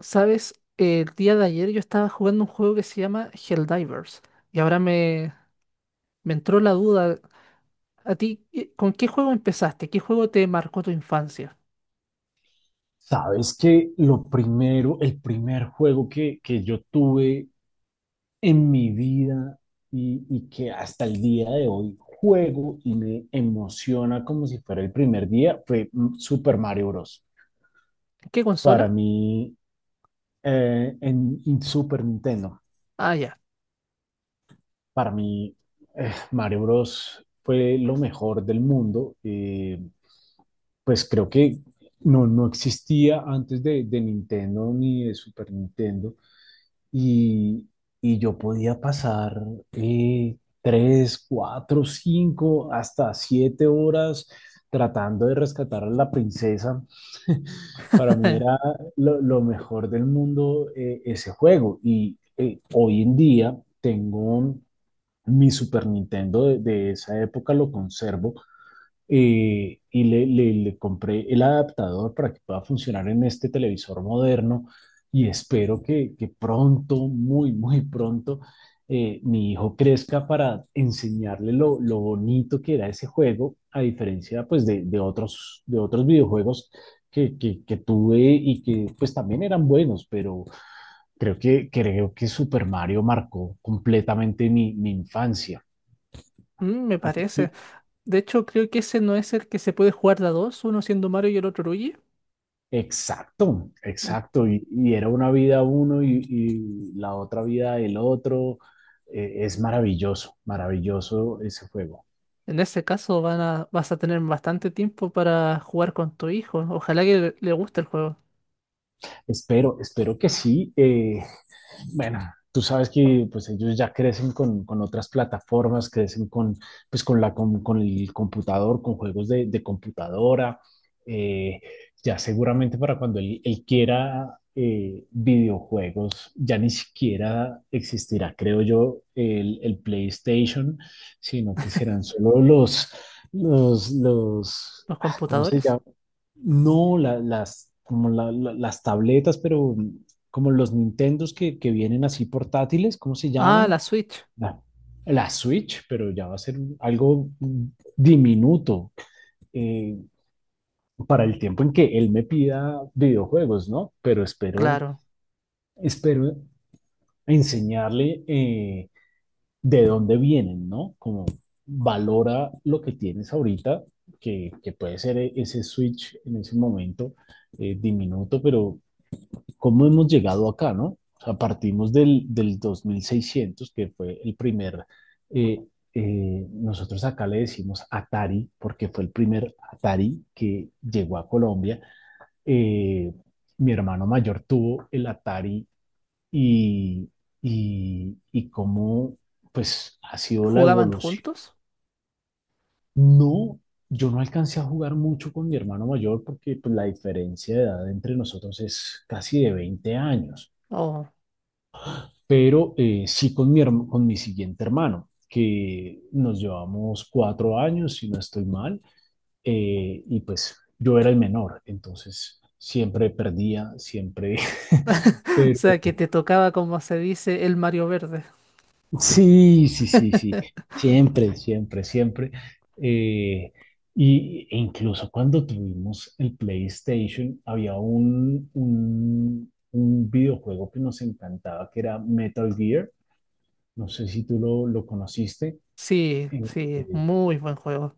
Sabes, el día de ayer yo estaba jugando un juego que se llama Helldivers y ahora me entró la duda. ¿A ti con qué juego empezaste? ¿Qué juego te marcó tu infancia? Sabes que lo primero, el primer juego que yo tuve en mi vida y que hasta el día de hoy juego y me emociona como si fuera el primer día fue Super Mario Bros. ¿En qué Para consola? mí, en Super Nintendo, Ah, ya. para mí Mario Bros. Fue lo mejor del mundo. Pues creo que no existía antes de Nintendo ni de Super Nintendo y, y yo podía pasar 3, 4, 5, hasta 7 horas tratando de rescatar a la princesa. Para mí era lo mejor del mundo, ese juego. Y hoy en día tengo mi Super Nintendo de esa época, lo conservo, y le compré el adaptador para que pueda funcionar en este televisor moderno y espero que pronto, muy, muy pronto, mi hijo crezca para enseñarle lo bonito que era ese juego, a diferencia pues de otros, de otros videojuegos que tuve y que pues también eran buenos, pero creo que Super Mario marcó completamente mi infancia. Mm, me ¿A ti qué? parece. De hecho, creo que ese no es el que se puede jugar de a dos, uno siendo Mario y el otro Luigi. Exacto, En, exacto. Y era una vida uno y la otra vida el otro. Es maravilloso, maravilloso ese juego. en ese caso vas a tener bastante tiempo para jugar con tu hijo. Ojalá que le guste el juego. Espero que sí. Bueno, tú sabes que pues ellos ya crecen con otras plataformas, crecen con, pues, con el computador, con juegos de computadora. Eh, ya seguramente para cuando él quiera videojuegos, ya ni siquiera existirá, creo yo, el PlayStation, sino que serán solo los, los, los, Los ah, ¿cómo se computadores. llama? No, como las tabletas, pero como los Nintendos que vienen así portátiles, ¿cómo se Ah, llaman? la Switch. La, la Switch, pero ya va a ser algo diminuto, eh, para el tiempo en que él me pida videojuegos, ¿no? Pero espero, Claro. espero enseñarle de dónde vienen, ¿no? Como valora lo que tienes ahorita, que puede ser ese Switch en ese momento, diminuto, pero cómo hemos llegado acá, ¿no? O sea, partimos del 2600 que fue el primer, eh, nosotros acá le decimos Atari, porque fue el primer Atari que llegó a Colombia. Eh, Mi hermano mayor tuvo el Atari y, y cómo, pues, ha sido la ¿Jugaban evolución. juntos? No, yo no alcancé a jugar mucho con mi hermano mayor porque, pues, la diferencia de edad entre nosotros es casi de 20 años. Oh. Pero sí con con mi siguiente hermano, que nos llevamos 4 años, si no estoy mal, y pues yo era el menor, entonces siempre perdía, siempre, O pero sea, que te tocaba, como se dice, el Mario Verde. sí, sí, sí, sí, siempre, siempre, siempre. eh, y e incluso cuando tuvimos el PlayStation, había un videojuego que nos encantaba, que era Metal Gear. No sé si tú lo conociste. Sí, eh, sí, eh, muy buen juego.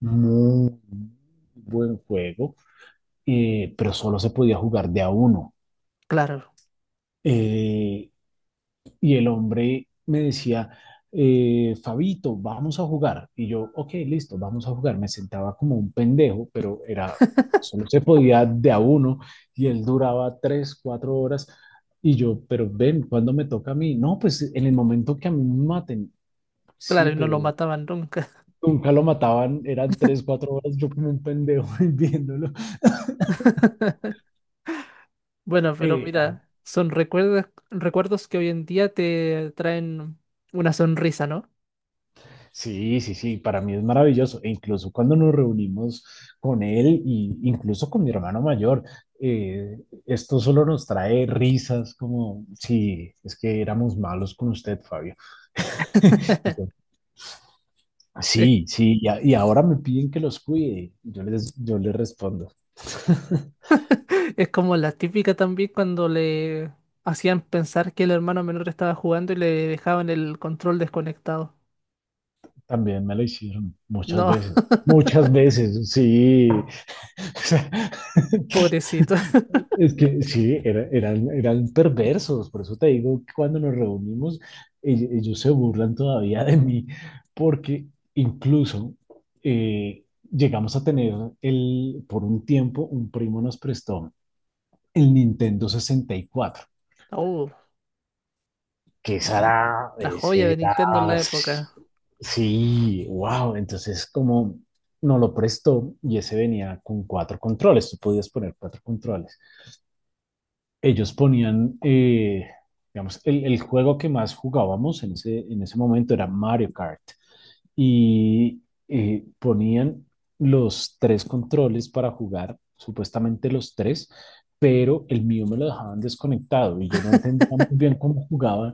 Muy buen juego, pero solo se podía jugar de a uno. Claro, Eh, y el hombre me decía, Fabito, vamos a jugar. Y yo, ok, listo, vamos a jugar. Me sentaba como un pendejo, pero era, solo se podía de a uno y él duraba 3, 4 horas. Y yo, pero ven, ¿cuándo me toca a mí? No, pues en el momento que a mí me maten. claro, Sí, y no lo pero mataban nunca. nunca lo mataban, eran 3, 4 horas, yo como un pendejo viéndolo. Bueno, pero Eh, ah, mira, son recuerdos que hoy en día te traen una sonrisa, ¿no? sí, sí, sí, para mí es maravilloso. E incluso cuando nos reunimos con él y incluso con mi hermano mayor, esto solo nos trae risas como, sí, es que éramos malos con usted, Fabio. Y yo, Es, sí, sí, y ahora me piden que los cuide. Y yo les respondo. es como la típica también cuando le hacían pensar que el hermano menor estaba jugando y le dejaban el control desconectado. También me lo hicieron muchas No, veces. Muchas veces, sí. O sea, pobrecito. Es que sí, eran perversos, por eso te digo que cuando nos reunimos, ellos se burlan todavía de mí, porque incluso eh, llegamos a tener por un tiempo, un primo nos prestó el Nintendo 64, Oh, que esa Ujú. era, la joya ese de era, Nintendo en la época. sí, wow, entonces como nos lo prestó y ese venía con cuatro controles, tú podías poner cuatro controles. Ellos ponían, digamos, el juego que más jugábamos en ese momento era Mario Kart y ponían los tres controles para jugar, supuestamente los tres, pero el mío me lo dejaban desconectado y yo no entendía muy bien cómo jugaba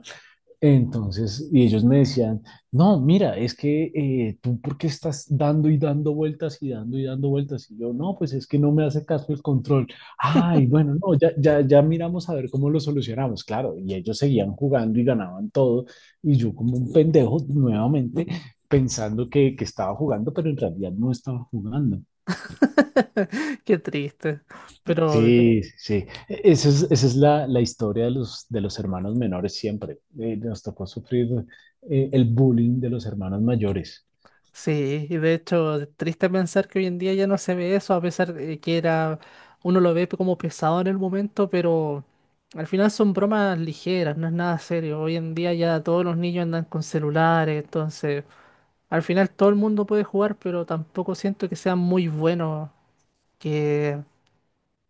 entonces, y ellos me decían, no, mira, es que tú, ¿por qué estás dando y dando vueltas y dando vueltas? Y yo, no, pues es que no me hace caso el control. Ay, bueno, no, ya, ya, ya miramos a ver cómo lo solucionamos, claro. Y ellos seguían jugando y ganaban todo. Y yo, como un pendejo, nuevamente pensando que estaba jugando, pero en realidad no estaba jugando. Qué triste. Pero Sí, sí, sí. Esa es la historia de los hermanos menores siempre. Nos tocó sufrir el bullying de los hermanos mayores. sí, y de hecho, es triste pensar que hoy en día ya no se ve eso, a pesar de que era, uno lo ve como pesado en el momento, pero al final son bromas ligeras, no es nada serio. Hoy en día ya todos los niños andan con celulares, entonces al final todo el mundo puede jugar, pero tampoco siento que sean muy buenos, que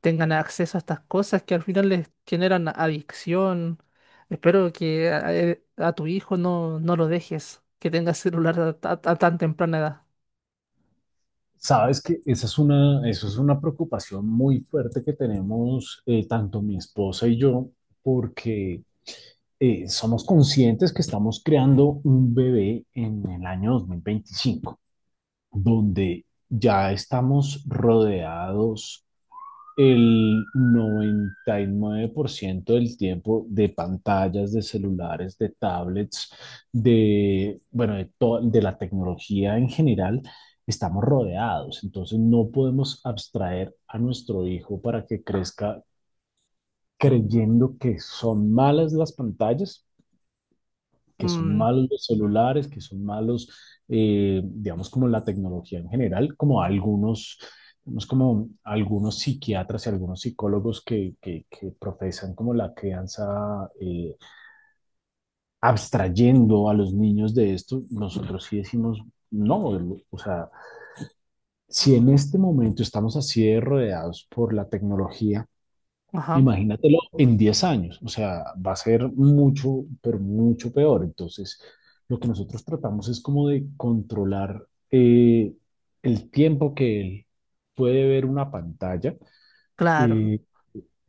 tengan acceso a estas cosas que al final les generan adicción. Espero que a tu hijo no lo dejes, que tenga celular a tan temprana edad. Sabes que eso es una preocupación muy fuerte que tenemos, tanto mi esposa y yo, porque somos conscientes que estamos creando un bebé en el año 2025 donde ya estamos rodeados el 99% del tiempo de pantallas, de celulares, de tablets, de, bueno, de la tecnología en general, estamos rodeados. Entonces no podemos abstraer a nuestro hijo para que crezca creyendo que son malas las pantallas, que son Mm, malos los celulares, que son malos, digamos, como la tecnología en general, como algunos, digamos, como algunos psiquiatras y algunos psicólogos que profesan como la crianza, abstrayendo a los niños de esto. Nosotros sí decimos, no, o sea, si en este momento estamos así de rodeados por la tecnología, ajá, imagínatelo en 10 años. O sea, va a ser mucho, pero mucho peor. Entonces, lo que nosotros tratamos es como de controlar, el tiempo que él puede ver una pantalla. claro, Eh,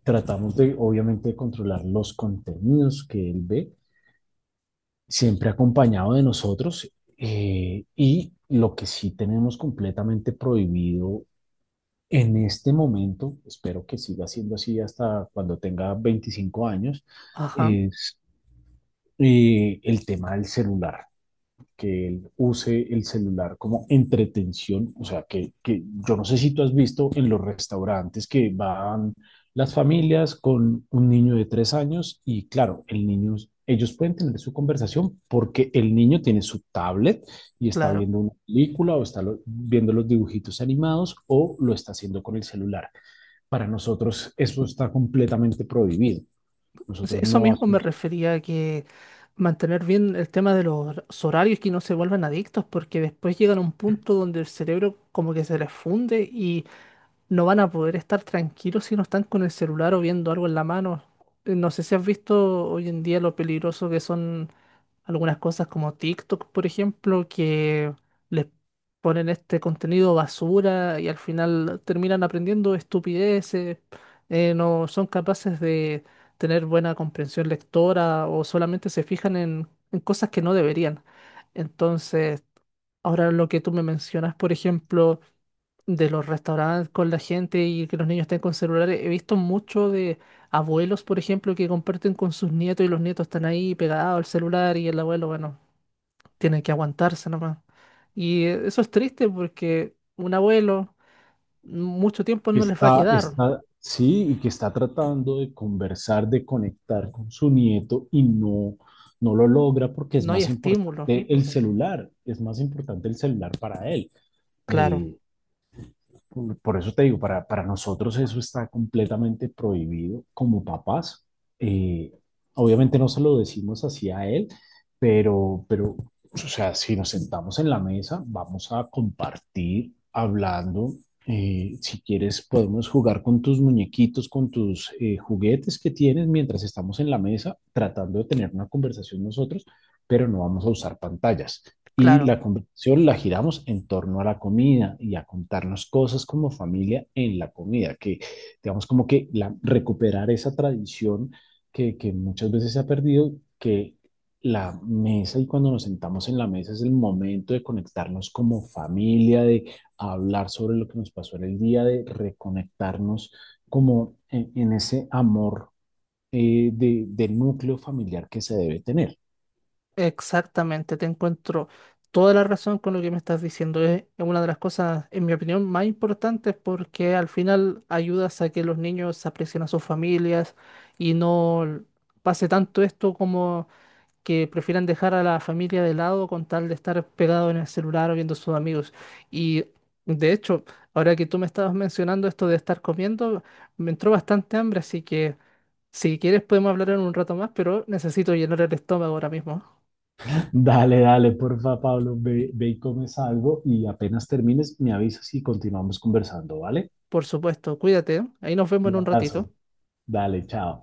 Tratamos de, obviamente, de controlar los contenidos que él ve, siempre acompañado de nosotros. Y lo que sí tenemos completamente prohibido en este momento, espero que siga siendo así hasta cuando tenga 25 años, ajá, es el tema del celular, que él use el celular como entretención, o sea, que yo no sé si tú has visto en los restaurantes que van las familias con un niño de 3 años y, claro, el niño, ellos pueden tener su conversación porque el niño tiene su tablet y está claro. viendo una película o está viendo los dibujitos animados o lo está haciendo con el celular. Para nosotros eso está completamente prohibido. Sí, Nosotros eso no mismo me hacemos. refería a que mantener bien el tema de los horarios, que no se vuelvan adictos, porque después llegan a un punto donde el cerebro como que se les funde, no van a poder estar tranquilos si no están con el celular o viendo algo en la mano. No sé si has visto hoy en día lo peligroso que son algunas cosas como TikTok, por ejemplo, que les ponen este contenido basura y al final terminan aprendiendo estupideces. Eh, no son capaces de tener buena comprensión lectora o solamente se fijan en cosas que no deberían. Entonces, ahora lo que tú me mencionas, por ejemplo, de los restaurantes con la gente y que los niños estén con celulares. He visto mucho de abuelos, por ejemplo, que comparten con sus nietos y los nietos están ahí pegados al celular y el abuelo, bueno, tiene que aguantarse nomás. Y eso es triste porque un abuelo mucho tiempo no les va a Está, quedar, está, sí, y que está tratando de conversar, de conectar con su nieto y no lo logra porque es no hay más estímulo. importante el celular, es más importante el celular para él. Claro, Eh, Por eso te digo, para nosotros eso está completamente prohibido como papás. Eh, Obviamente no se lo decimos así a él, pero, pero, o sea, si nos sentamos en la mesa, vamos a compartir hablando. Si quieres, podemos jugar con tus muñequitos, con tus juguetes que tienes mientras estamos en la mesa tratando de tener una conversación nosotros, pero no vamos a usar pantallas. Y claro. la conversación la giramos en torno a la comida y a contarnos cosas como familia en la comida, que, digamos, como recuperar esa tradición que muchas veces se ha perdido, que la mesa y cuando nos sentamos en la mesa es el momento de conectarnos como familia, de hablar sobre lo que nos pasó en el día, de reconectarnos como en ese amor, del núcleo familiar que se debe tener. Exactamente, te encuentro toda la razón con lo que me estás diciendo. Es una de las cosas, en mi opinión, más importantes porque al final ayudas a que los niños aprecien a sus familias y no pase tanto esto como que prefieran dejar a la familia de lado con tal de estar pegado en el celular o viendo a sus amigos. Y de hecho, ahora que tú me estabas mencionando esto de estar comiendo, me entró bastante hambre, así que si quieres podemos hablar en un rato más, pero necesito llenar el estómago ahora mismo. Dale, dale, porfa, Pablo, ve, ve y comes algo y apenas termines, me avisas y continuamos conversando, ¿vale? Por supuesto, cuídate, ¿eh? Ahí nos vemos Un en un abrazo. ratito. Dale, chao.